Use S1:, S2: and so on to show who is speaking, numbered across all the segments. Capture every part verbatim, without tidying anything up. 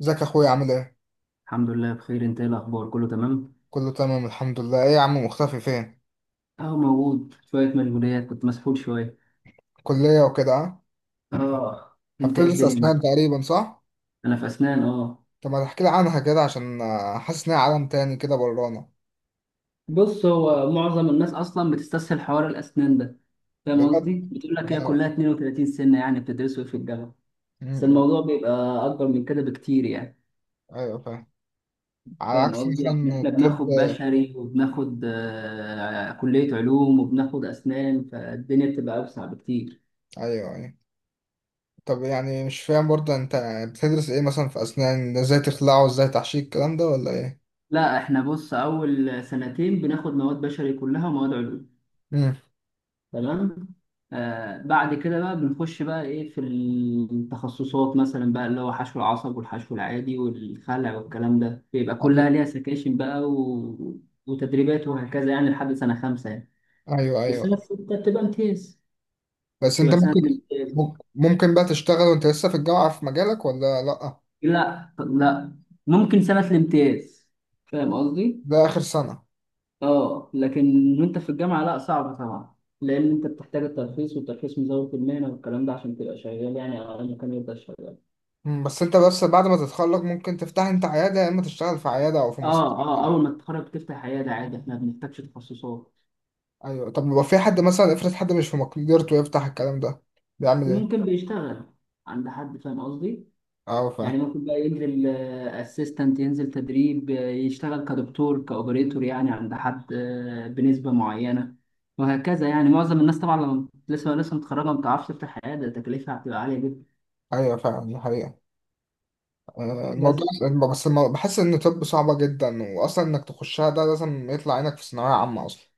S1: ازيك يا اخويا عامل ايه؟
S2: الحمد لله بخير. انت ايه الاخبار، كله تمام؟
S1: كله تمام الحمد لله، ايه يا عم مختفي فين؟
S2: اهو موجود، شويه مشغوليات كنت مسحول شويه.
S1: كلية وكده اه؟
S2: اه، انت ايه
S1: هبتدرس
S2: الدنيا معاك؟
S1: اسنان تقريبا صح؟
S2: انا في اسنان، اه.
S1: طب ما تحكي لي عنها كده عشان آه، حاسس انها عالم تاني كده برانا.
S2: بص، هو معظم الناس اصلا بتستسهل حوار الاسنان ده. فاهم
S1: بجد؟
S2: قصدي؟ بتقول لك هي
S1: أنا-
S2: كلها اثنين وثلاثين سنه، يعني بتدرسوا إيه في الجامعه؟
S1: م-
S2: بس
S1: م.
S2: الموضوع بيبقى اكبر من كده بكتير يعني.
S1: ايوه فاهم. على
S2: فاهم
S1: عكس
S2: قصدي؟ إن
S1: مثلا
S2: احنا
S1: الطب.
S2: بناخد بشري وبناخد آه، كليه علوم وبناخد اسنان، فالدنيا بتبقى اوسع بكتير.
S1: ايوه ايوه. طب يعني مش فاهم برضه انت بتدرس ايه مثلا في اسنان؟ ازاي تخلعه؟ ازاي تحشيه الكلام ده ولا ايه؟
S2: لا، احنا بص، اول سنتين بناخد مواد بشري كلها ومواد علوم.
S1: امم.
S2: تمام. آه، بعد كده بقى بنخش بقى ايه في التخصصات، مثلا بقى اللي هو حشو العصب والحشو العادي والخلع والكلام ده، بيبقى
S1: ايوه
S2: كلها ليها سكاشن بقى و... وتدريبات وهكذا يعني لحد سنة خمسة يعني.
S1: ايوه ايوه.
S2: والسنة الستة بتبقى امتياز،
S1: بس انت
S2: بتبقى سنة
S1: ممكن
S2: الامتياز.
S1: ممكن بقى تشتغل وانت لسه في الجامعة في مجالك ولا لأ؟
S2: لا لا، ممكن سنة الامتياز، فاهم قصدي؟
S1: ده آخر سنة.
S2: اه لكن وانت في الجامعة لا، صعب طبعا، لأن انت بتحتاج الترخيص، والترخيص مزاولة المهنة والكلام ده عشان تبقى شغال، يعني على مكان يبدأ شغال.
S1: مم، بس انت بس بعد ما تتخرج ممكن تفتح انت عيادة يا اما تشتغل في عيادة او في
S2: اه
S1: مستشفى
S2: اه،
S1: يعني.
S2: اول ما تتخرج تفتح عياده عادي، احنا ما بنحتاجش تخصصات.
S1: ايوه. طب لو في حد مثلا، افرض حد مش في مقدرته يفتح الكلام ده، بيعمل ايه؟
S2: ممكن بيشتغل عند حد، فاهم قصدي؟
S1: اه
S2: يعني
S1: فاهم.
S2: ممكن بقى ينزل اسيستنت، ينزل تدريب، آه، يشتغل كدكتور كاوبريتور يعني عند حد، آه، بنسبه معينه، وهكذا يعني. معظم الناس طبعا لما لسه لسه متخرجه ما بتعرفش تفتح عياده، تكلفها هتبقى عاليه جدا.
S1: ايوه فعلا دي حقيقة. آه، الموضوع.
S2: بس
S1: بس المو- بحس ان طب صعبة جدا، واصلا انك تخشها ده لازم يطلع عينك في ثانوية عامة اصلا.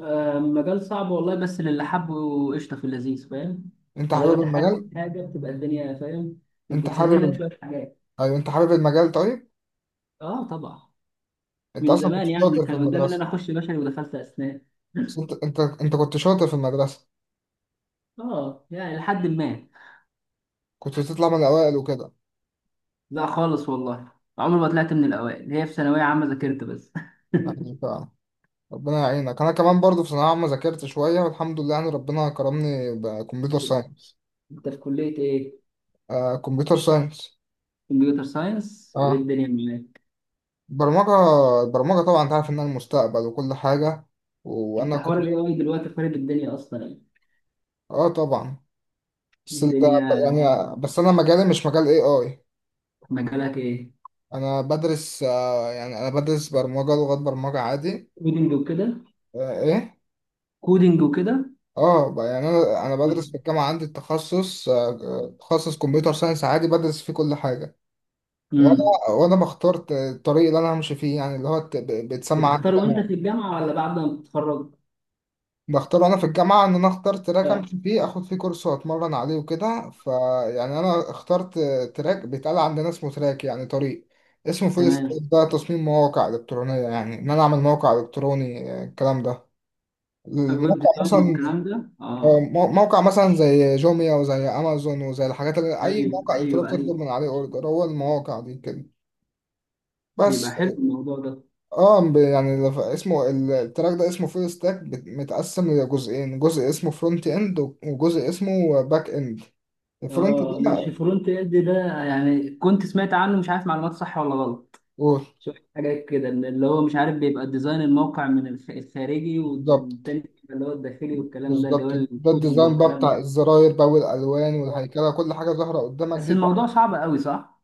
S2: آه، مجال صعب والله، بس للي حبه قشطه في اللذيذ، فاهم؟
S1: انت
S2: ما دام
S1: حابب
S2: انت حابب
S1: المجال؟
S2: حاجه بتبقى الدنيا، فاهم،
S1: انت
S2: بتسهل
S1: حابب
S2: لك
S1: ال...
S2: شويه حاجات.
S1: ايوه انت حابب المجال طيب؟
S2: اه طبعا.
S1: انت
S2: من
S1: اصلا كنت
S2: زمان يعني
S1: شاطر في
S2: كان قدامي ان انا
S1: المدرسة.
S2: اخش بشري ودخلت اسنان.
S1: بس انت انت انت كنت شاطر في المدرسة.
S2: اه يعني لحد ما.
S1: كنت بتطلع من الاوائل وكده
S2: لا خالص والله، عمري ما طلعت من الاوائل، هي في ثانويه عامه ذاكرت بس.
S1: يعني. ربنا يعينك. انا كمان برضو في ثانويه عامه ذاكرت شويه والحمد لله، يعني ربنا كرمني بكمبيوتر ساينس.
S2: انت في كليه ايه؟
S1: آه كمبيوتر ساينس.
S2: كمبيوتر ساينس، وايه
S1: اه.
S2: الدنيا معاك؟
S1: برمجه. البرمجه طبعا انت عارف انها المستقبل وكل حاجه.
S2: انت
S1: وانا
S2: حوار
S1: كنت.
S2: الاي اي دلوقتي خارب الدنيا اصلا يعني
S1: اه طبعا. بس انت
S2: الدنيا.
S1: يعني بس انا مجالي مش مجال اي اي
S2: مجالك ايه؟
S1: انا بدرس آه يعني انا بدرس برمجه، لغات برمجه عادي.
S2: كودينج وكده؟
S1: آه ايه.
S2: كودينج وكده.
S1: اه ب- يعني انا انا بدرس في الجامعه عندي التخصص آه آه، تخصص كمبيوتر ساينس عادي، بدرس فيه كل حاجه.
S2: امم.
S1: وانا وانا بختار الطريق اللي انا همشي فيه، يعني اللي هو الت- ب- بيتسمى عندي
S2: بتختار وانت
S1: جامعة.
S2: في الجامعه ولا بعد ما بتتخرج؟
S1: بختاره انا في الجامعه، ان انا اختار تراك
S2: اه.
S1: امشي فيه اخد فيه كورس واتمرن عليه وكده، فيعني انا اخترت تراك. بيتقال عندنا اسمه تراك، يعني طريق. اسمه فول ستاك.
S2: تمام.
S1: ده تصميم مواقع الكترونيه، يعني ان انا اعمل موقع الكتروني آه، الكلام ده.
S2: الويب
S1: الموقع
S2: ديزاين
S1: مثلا
S2: والكلام ده،
S1: آه،
S2: اه.
S1: مو- موقع مثلا زي جوميا وزي امازون وزي الحاجات، اللي اي
S2: ايوه
S1: موقع
S2: ايوه
S1: الكتروني
S2: ايوه.
S1: بتطلب من عليه اوردر، هو المواقع دي كده.
S2: بيبقى
S1: بس.
S2: حلو الموضوع ده.
S1: اه ب- يعني لف- اسمه ال- التراك ده اسمه فول ستاك، بت- متقسم لجزئين، جزء اسمه فرونت اند وجزء اسمه باك اند. الفرونت
S2: اه، مش
S1: ده
S2: فرونت اند ده؟ يعني كنت سمعت عنه، مش عارف معلومات صح ولا غلط.
S1: أوه،
S2: شفت حاجات كده إن اللي هو مش عارف، بيبقى ديزاين الموقع من الخ- الخارجي،
S1: بالظبط
S2: والتاني بيبقى اللي هو الداخلي والكلام ده اللي
S1: بالظبط.
S2: هو
S1: ده
S2: الكودينج
S1: الديزاين بقى
S2: والكلام ده.
S1: بتاع الزراير بقى والالوان والهيكله، كل حاجه ظاهره قدامك
S2: بس
S1: دي
S2: الموضوع
S1: تحفة.
S2: صعب قوي، صح؟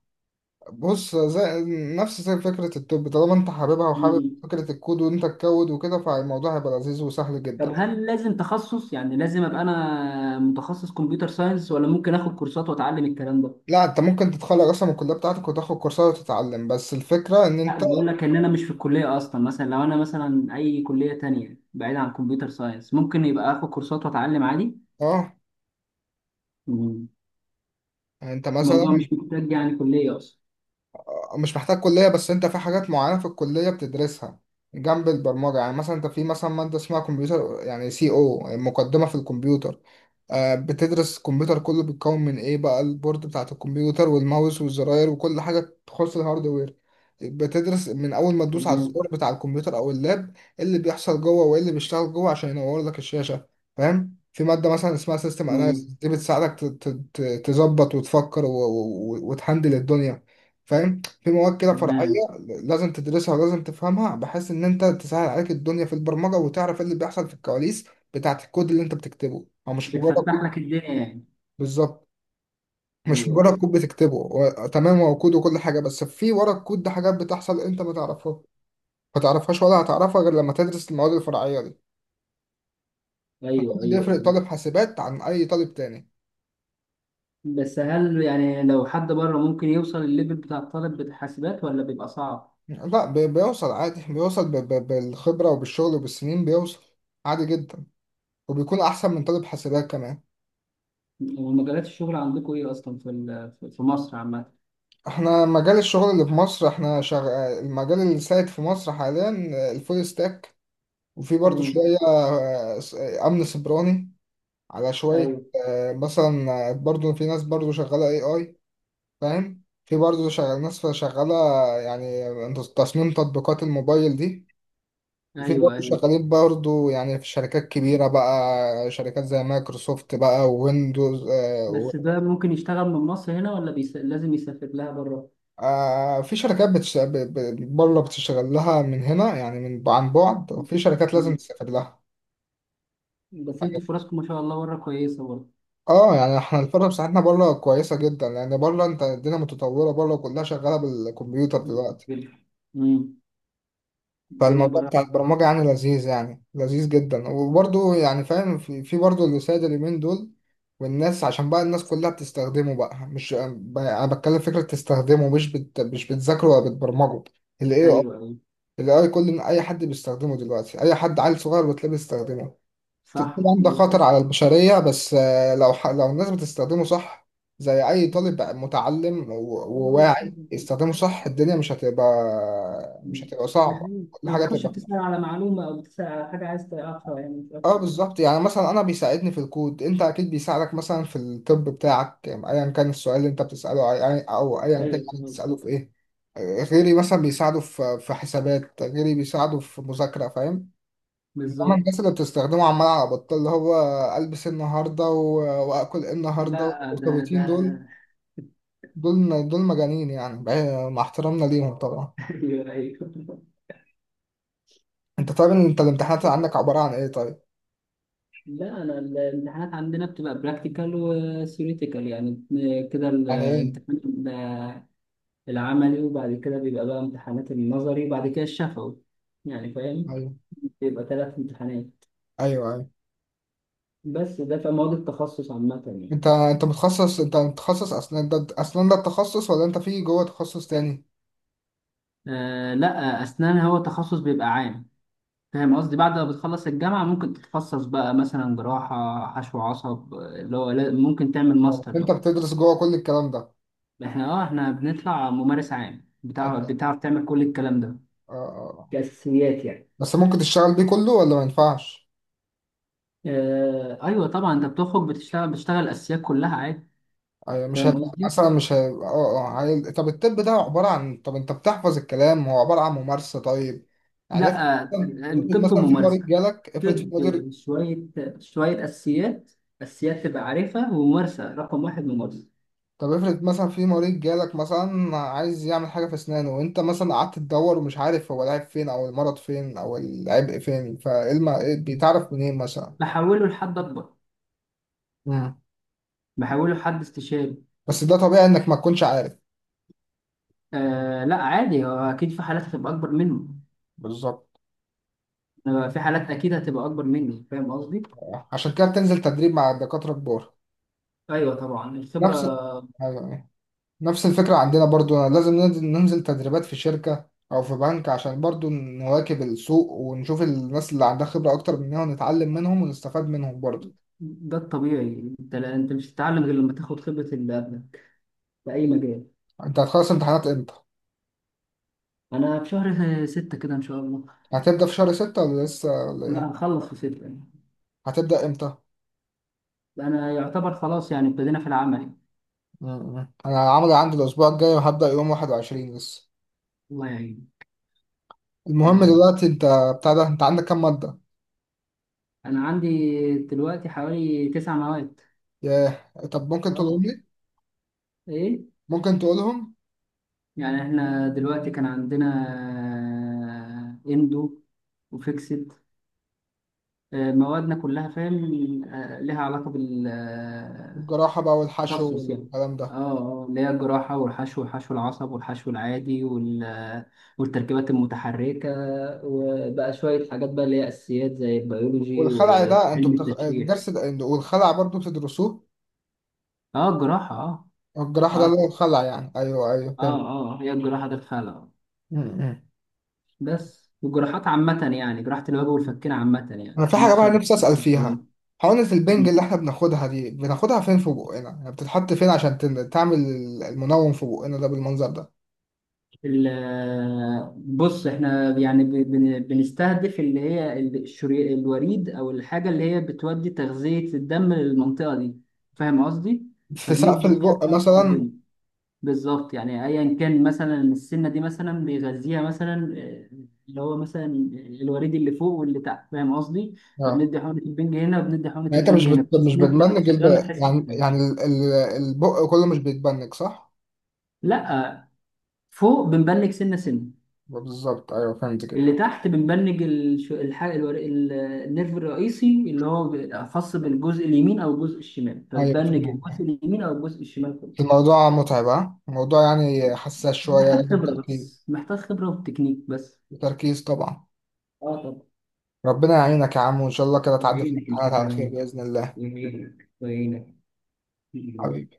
S1: بص زي نفس زي فكره التوب، طالما انت حاببها وحابب
S2: مم.
S1: فكره الكود وانت تكود وكده فالموضوع هيبقى لذيذ وسهل
S2: طب
S1: جدا.
S2: هل لازم تخصص؟ يعني لازم ابقى انا متخصص كمبيوتر ساينس، ولا ممكن اخد كورسات واتعلم الكلام ده؟
S1: لا انت ممكن تتخرج اصلا من الكليه بتاعتك وتاخد كورسات وتتعلم، بس الفكره ان
S2: لا
S1: انت
S2: بيقول لك ان انا مش في الكليه اصلا، مثلا لو انا مثلا اي كليه تانية بعيد عن كمبيوتر ساينس، ممكن يبقى اخد كورسات واتعلم عادي؟
S1: اه
S2: مم.
S1: يعني انت مثلا
S2: الموضوع مش محتاج يعني كلية أصلا.
S1: مش محتاج كلية، بس انت في حاجات معينة في الكلية بتدرسها جنب البرمجة، يعني مثلا انت في مثلا مادة اسمها كمبيوتر يعني سي، او مقدمة في الكمبيوتر. آه، بتدرس الكمبيوتر كله بيتكون من ايه بقى، البورد بتاعت الكمبيوتر والماوس والزراير وكل حاجة تخص الهاردوير. بتدرس من اول ما تدوس على
S2: تمام.
S1: الزرار بتاع الكمبيوتر او اللاب إيه اللي بيحصل جوه وايه اللي بيشتغل جوه عشان ينور لك الشاشة. فاهم؟ في مادة مثلا اسمها سيستم اناليسيس،
S2: تمام.
S1: دي بتساعدك ت- ت- ت- تظبط وتفكر و- و- و- وتهندل الدنيا. فاهم؟ في مواد كده
S2: تمام.
S1: فرعية لازم تدرسها ولازم تفهمها، بحيث إن أنت تسهل عليك الدنيا في البرمجة وتعرف إيه اللي بيحصل في الكواليس بتاعة الكود اللي أنت بتكتبه، أو مش مجرد
S2: بتفتح
S1: كود.
S2: لك الدنيا يعني.
S1: بالظبط. مش
S2: أيوه
S1: مجرد
S2: أيوه
S1: كود بتكتبه و... تمام، هو كود وكل حاجة، بس في ورا الكود ده حاجات بتحصل أنت ما تعرفها، ما تعرفهاش ولا هتعرفها غير لما تدرس المواد الفرعية دي. فده
S2: أيوه.
S1: اللي
S2: أيوه
S1: يفرق
S2: أيوه.
S1: طالب حاسبات عن أي طالب تاني.
S2: بس هل يعني لو حد بره ممكن يوصل الليفل بتاع الطالب بتاع حاسبات، ولا بيبقى صعب؟
S1: لا بي- بيوصل عادي، بيوصل ب... ب... بالخبرة وبالشغل وبالسنين بيوصل عادي جدا، وبيكون أحسن من طالب حاسبات كمان.
S2: ومجالات الشغل عندكم إيه أصلا في ال- في مصر عامة؟
S1: احنا مجال الشغل اللي في مصر، احنا شغ... المجال اللي سائد في مصر حاليا آه، الفول ستاك، وفي برضو
S2: مم.
S1: شوية آه، س- آه، أمن سيبراني على شوية.
S2: أيوه
S1: آه، مثلا آه، برضو في ناس برضو شغالة اي اي فاهم؟ في برضو شغال، ناس شغالة يعني تصميم تطبيقات الموبايل دي. وفي
S2: أيوه
S1: برضو
S2: أيوه.
S1: شغالين برضو يعني في شركات كبيرة بقى، شركات زي مايكروسوفت بقى وويندوز.
S2: بس ده ممكن يشتغل من مصر هنا، ولا بيس... لازم يسافر لها بره؟
S1: آه في شركات بتش... ب... ب... بره بتشتغل لها من هنا يعني من عن بعد، وفي شركات لازم
S2: مم.
S1: تسافر لها.
S2: بس أنتوا فرصكم ما شاء الله بره كويسة برضه.
S1: اه يعني احنا الفرق بتاعتنا بره كويسه جدا، لان بره انت الدنيا متطوره بره، كلها شغاله بالكمبيوتر دلوقتي.
S2: مم. الدنيا
S1: فالموضوع
S2: بره.
S1: بتاع البرمجه يعني لذيذ، يعني لذيذ جدا وبرضه يعني فاهم في, في برضه اللي سايد اليومين دول، والناس عشان بقى الناس كلها بتستخدمه بقى، مش ب- انا بتكلم فكره تستخدمه، مش بت... مش بتذاكره ولا بتبرمجه. ال ايه آي.
S2: ايوه ايوه.
S1: الاي كل اي حد بيستخدمه دلوقتي، اي حد عيل صغير بتلاقيه بيستخدمه. ت-
S2: صح.
S1: طبعا ده خطر على
S2: مستشفى.
S1: البشرية، بس آه، لو ح- لو الناس بتستخدمه صح، زي أي طالب متعلم و- وواعي يستخدمه صح، الدنيا مش هتبقى، مش هتبقى صعبة،
S2: يعني
S1: كل
S2: لما
S1: حاجة
S2: تخش
S1: هتبقى.
S2: بتسأل على معلومة أو بتسأل على حاجة عايز تعرفها، يعني مش
S1: اه
S2: أكتر.
S1: بالظبط، يعني مثلا أنا بيساعدني في الكود، أنت أكيد بيساعدك مثلا في الطب بتاعك أيا كان السؤال اللي أنت بتسأله، أي- أو أيا كان
S2: أيوه
S1: يعني
S2: تمام.
S1: بتسأله في إيه. آه، غيري مثلا بيساعده في في حسابات، غيري بيساعده في مذاكرة. فاهم؟ انما
S2: بالظبط.
S1: الناس اللي بتستخدمه عمال على بطال اللي هو البس إيه النهارده و- واكل إيه النهارده
S2: لا ده
S1: والمرتبطين
S2: ده.
S1: دول، دول دول مجانين يعني بعيد- مع احترامنا ليهم طبعا.
S2: أيوه أيوه.
S1: انت طيب انت الامتحانات اللي عندك عباره عن ايه طيب؟
S2: لا، أنا ال- الامتحانات عندنا بتبقى براكتيكال وثيوريتيكال يعني، كده ال-
S1: عن ايه؟
S2: الامتحان بيبقى العملي، وبعد كده بيبقى بقى امتحانات النظري، وبعد كده الشفوي، يعني فاهم،
S1: ايوه
S2: بيبقى ثلاث امتحانات.
S1: ايوه ايوه.
S2: بس ده في مواد التخصص عامة يعني.
S1: انت انت متخصص، انت متخصص اسنان، ده اسنان ده التخصص ولا انت في جوه تخصص تاني؟
S2: آه لا، أسنان هو تخصص بيبقى عام، فاهم قصدي؟ بعد ما بتخلص الجامعة ممكن تتخصص بقى، مثلا جراحة، حشو عصب، آه، اللي هو لا- ممكن تعمل
S1: آه.
S2: ماستر
S1: انت
S2: بقى.
S1: بتدرس جوه كل الكلام ده؟
S2: احنا اه احنا بنطلع ممارس عام بتاع،
S1: انت آه.
S2: بتعرف تعمل كل الكلام ده
S1: آه.
S2: كأساسيات يعني.
S1: بس ممكن تشتغل بيه كله ولا ما ينفعش؟
S2: آه أيوة طبعا، أنت بتخرج بتشتغل بتشتغل الأساسيات كلها عادي.
S1: أيوة، مش
S2: فاهم
S1: هيبقى
S2: قصدي؟
S1: مثلا مش هي... اه اه هي... طب الطب ده عبارة عن طب، انت بتحفظ الكلام هو عبارة عن ممارسة طيب. يعني افرض
S2: لا آه،
S1: مثلا، افرض
S2: الطب
S1: مثلا في مريض
S2: ممارسة.
S1: جالك، افرض في
S2: طب،
S1: مدير.
S2: شوية، شوية أساسيات، أساسيات تبقى عارفها، وممارسة. رقم واحد ممارسة.
S1: طب افرض مثلا في مريض جالك مثلا عايز يعمل حاجة في اسنانه، وانت مثلا قعدت تدور ومش عارف هو العيب فين او المرض فين او العبء فين، فايه الم... إيه بيتعرف منين مثلا؟
S2: بحوله لحد أكبر،
S1: مم.
S2: بحوله لحد استشاري.
S1: بس ده طبيعي انك ما تكونش عارف.
S2: آه لا عادي، هو اكيد في حالات هتبقى اكبر منه،
S1: بالظبط.
S2: آه، في حالات اكيد هتبقى اكبر مني، فاهم قصدي؟
S1: عشان كده بتنزل تدريب مع الدكاترة كبار.
S2: ايوه طبعا،
S1: نفس
S2: الخبره.
S1: أيوة. نفس الفكرة عندنا برضو، لازم ننزل ننزل تدريبات في شركة أو في بنك عشان برضو نواكب السوق ونشوف الناس اللي عندها خبرة أكتر مننا ونتعلم منهم ونستفاد منهم برضو.
S2: ده الطبيعي، انت لا، انت مش هتتعلم غير لما تاخد خبره اللي قبلك، في اي مجال.
S1: أنت هتخلص امتحانات إمتى؟
S2: انا في شهر ستة كده ان شاء الله.
S1: هتبدأ في شهر ستة ولا لسه ولا
S2: لا
S1: إيه؟
S2: هنخلص في ستة يعني.
S1: هتبدأ إمتى؟
S2: انا يعتبر خلاص يعني، ابتدينا في العمل.
S1: مم. أنا عملي عندي الأسبوع الجاي وهبدأ يوم واحد وعشرين لسه.
S2: الله يعين. الله
S1: المهم
S2: يعين.
S1: دلوقتي أنت بتاع ده أنت عندك كام مادة؟
S2: انا عندي دلوقتي حوالي تسع مواد.
S1: ياه طب ممكن تقولهم
S2: اه.
S1: لي؟
S2: ايه.
S1: ممكن تقولهم؟
S2: يعني احنا دلوقتي كان عندنا، آه، اندو، وفيكسد، آه، موادنا كلها فاهم، آه، لها علاقة بالتخصص
S1: الجراحة بقى والحشو
S2: يعني.
S1: والكلام
S2: اه
S1: ده.
S2: اه، اللي هي الجراحة، والحشو، وحشو العصب، والحشو العادي، وال- آه، والتركيبات المتحركة، وبقى شوية حاجات بقى اللي هي أساسيات، زي البيولوجي
S1: والخلع ده انتوا
S2: وعلم
S1: بتخ...
S2: التشريح.
S1: الدرس ده والخلع برضو بتدرسوه؟
S2: اه الجراحة اه.
S1: الجراح ده اللي هو
S2: اه
S1: الخلع يعني، ايوه ايوه
S2: اه.
S1: فهمت.
S2: اه هي الجراحة ده فعلا،
S1: م- م.
S2: بس والجراحات عامة يعني، جراحة الوجه والفكين عامة يعني،
S1: انا في حاجه بقى
S2: مفصل
S1: نفسي اسال فيها.
S2: ال-
S1: حقنه البنج اللي احنا بناخدها دي بناخدها فين في بقنا؟ يعني بتتحط فين عشان تن- تعمل المنوم في بقنا ده بالمنظر ده؟
S2: بص احنا يعني ب- بن- بنستهدف اللي هي ال- الشري- الوريد، او الحاجة اللي هي بتودي تغذية الدم للمنطقة دي، فاهم قصدي؟
S1: في سقف
S2: فبندي فيها
S1: البق
S2: حقن
S1: مثلا؟
S2: البين. بالظبط، يعني ايا كان مثلا السنة دي مثلا بيغذيها مثلا، آه، اللي هو مثلا الوريد اللي فوق واللي تحت، فاهم قصدي؟
S1: اه
S2: فبندي حقنة البنج هنا، وبندي حقنة
S1: يعني انت مش
S2: البنج هنا،
S1: بت...
S2: بحيث
S1: مش
S2: ان انت وانت
S1: بتبنج الب...
S2: شغال ما تحسش
S1: يعني
S2: بحاجة.
S1: يعني ال... ال- البق كله مش بيتبنج صح؟
S2: لا، فوق بنبنج سنه سنه،
S1: بالظبط ايوه فهمت كده.
S2: اللي تحت بنبنج الش- الحاجه الور- ال- النيرف الرئيسي، اللي هو ب- خاص بالجزء اليمين او الجزء الشمال،
S1: ايوه
S2: فبنبنج الجزء
S1: فهمت.
S2: اليمين او الجزء الشمال كله.
S1: الموضوع متعب ها؟ الموضوع يعني حساس شويه
S2: محتاج
S1: لازم
S2: خبره
S1: تركيز.
S2: بس، محتاج خبره وتكنيك بس.
S1: تركيز طبعا.
S2: اه طبعا.
S1: ربنا يعينك يا عم وان شاء الله كده تعدي في
S2: يعينك انت
S1: الامتحانات على خير
S2: كمان.
S1: باذن الله.
S2: يعينك ويعينك.
S1: حبيبي.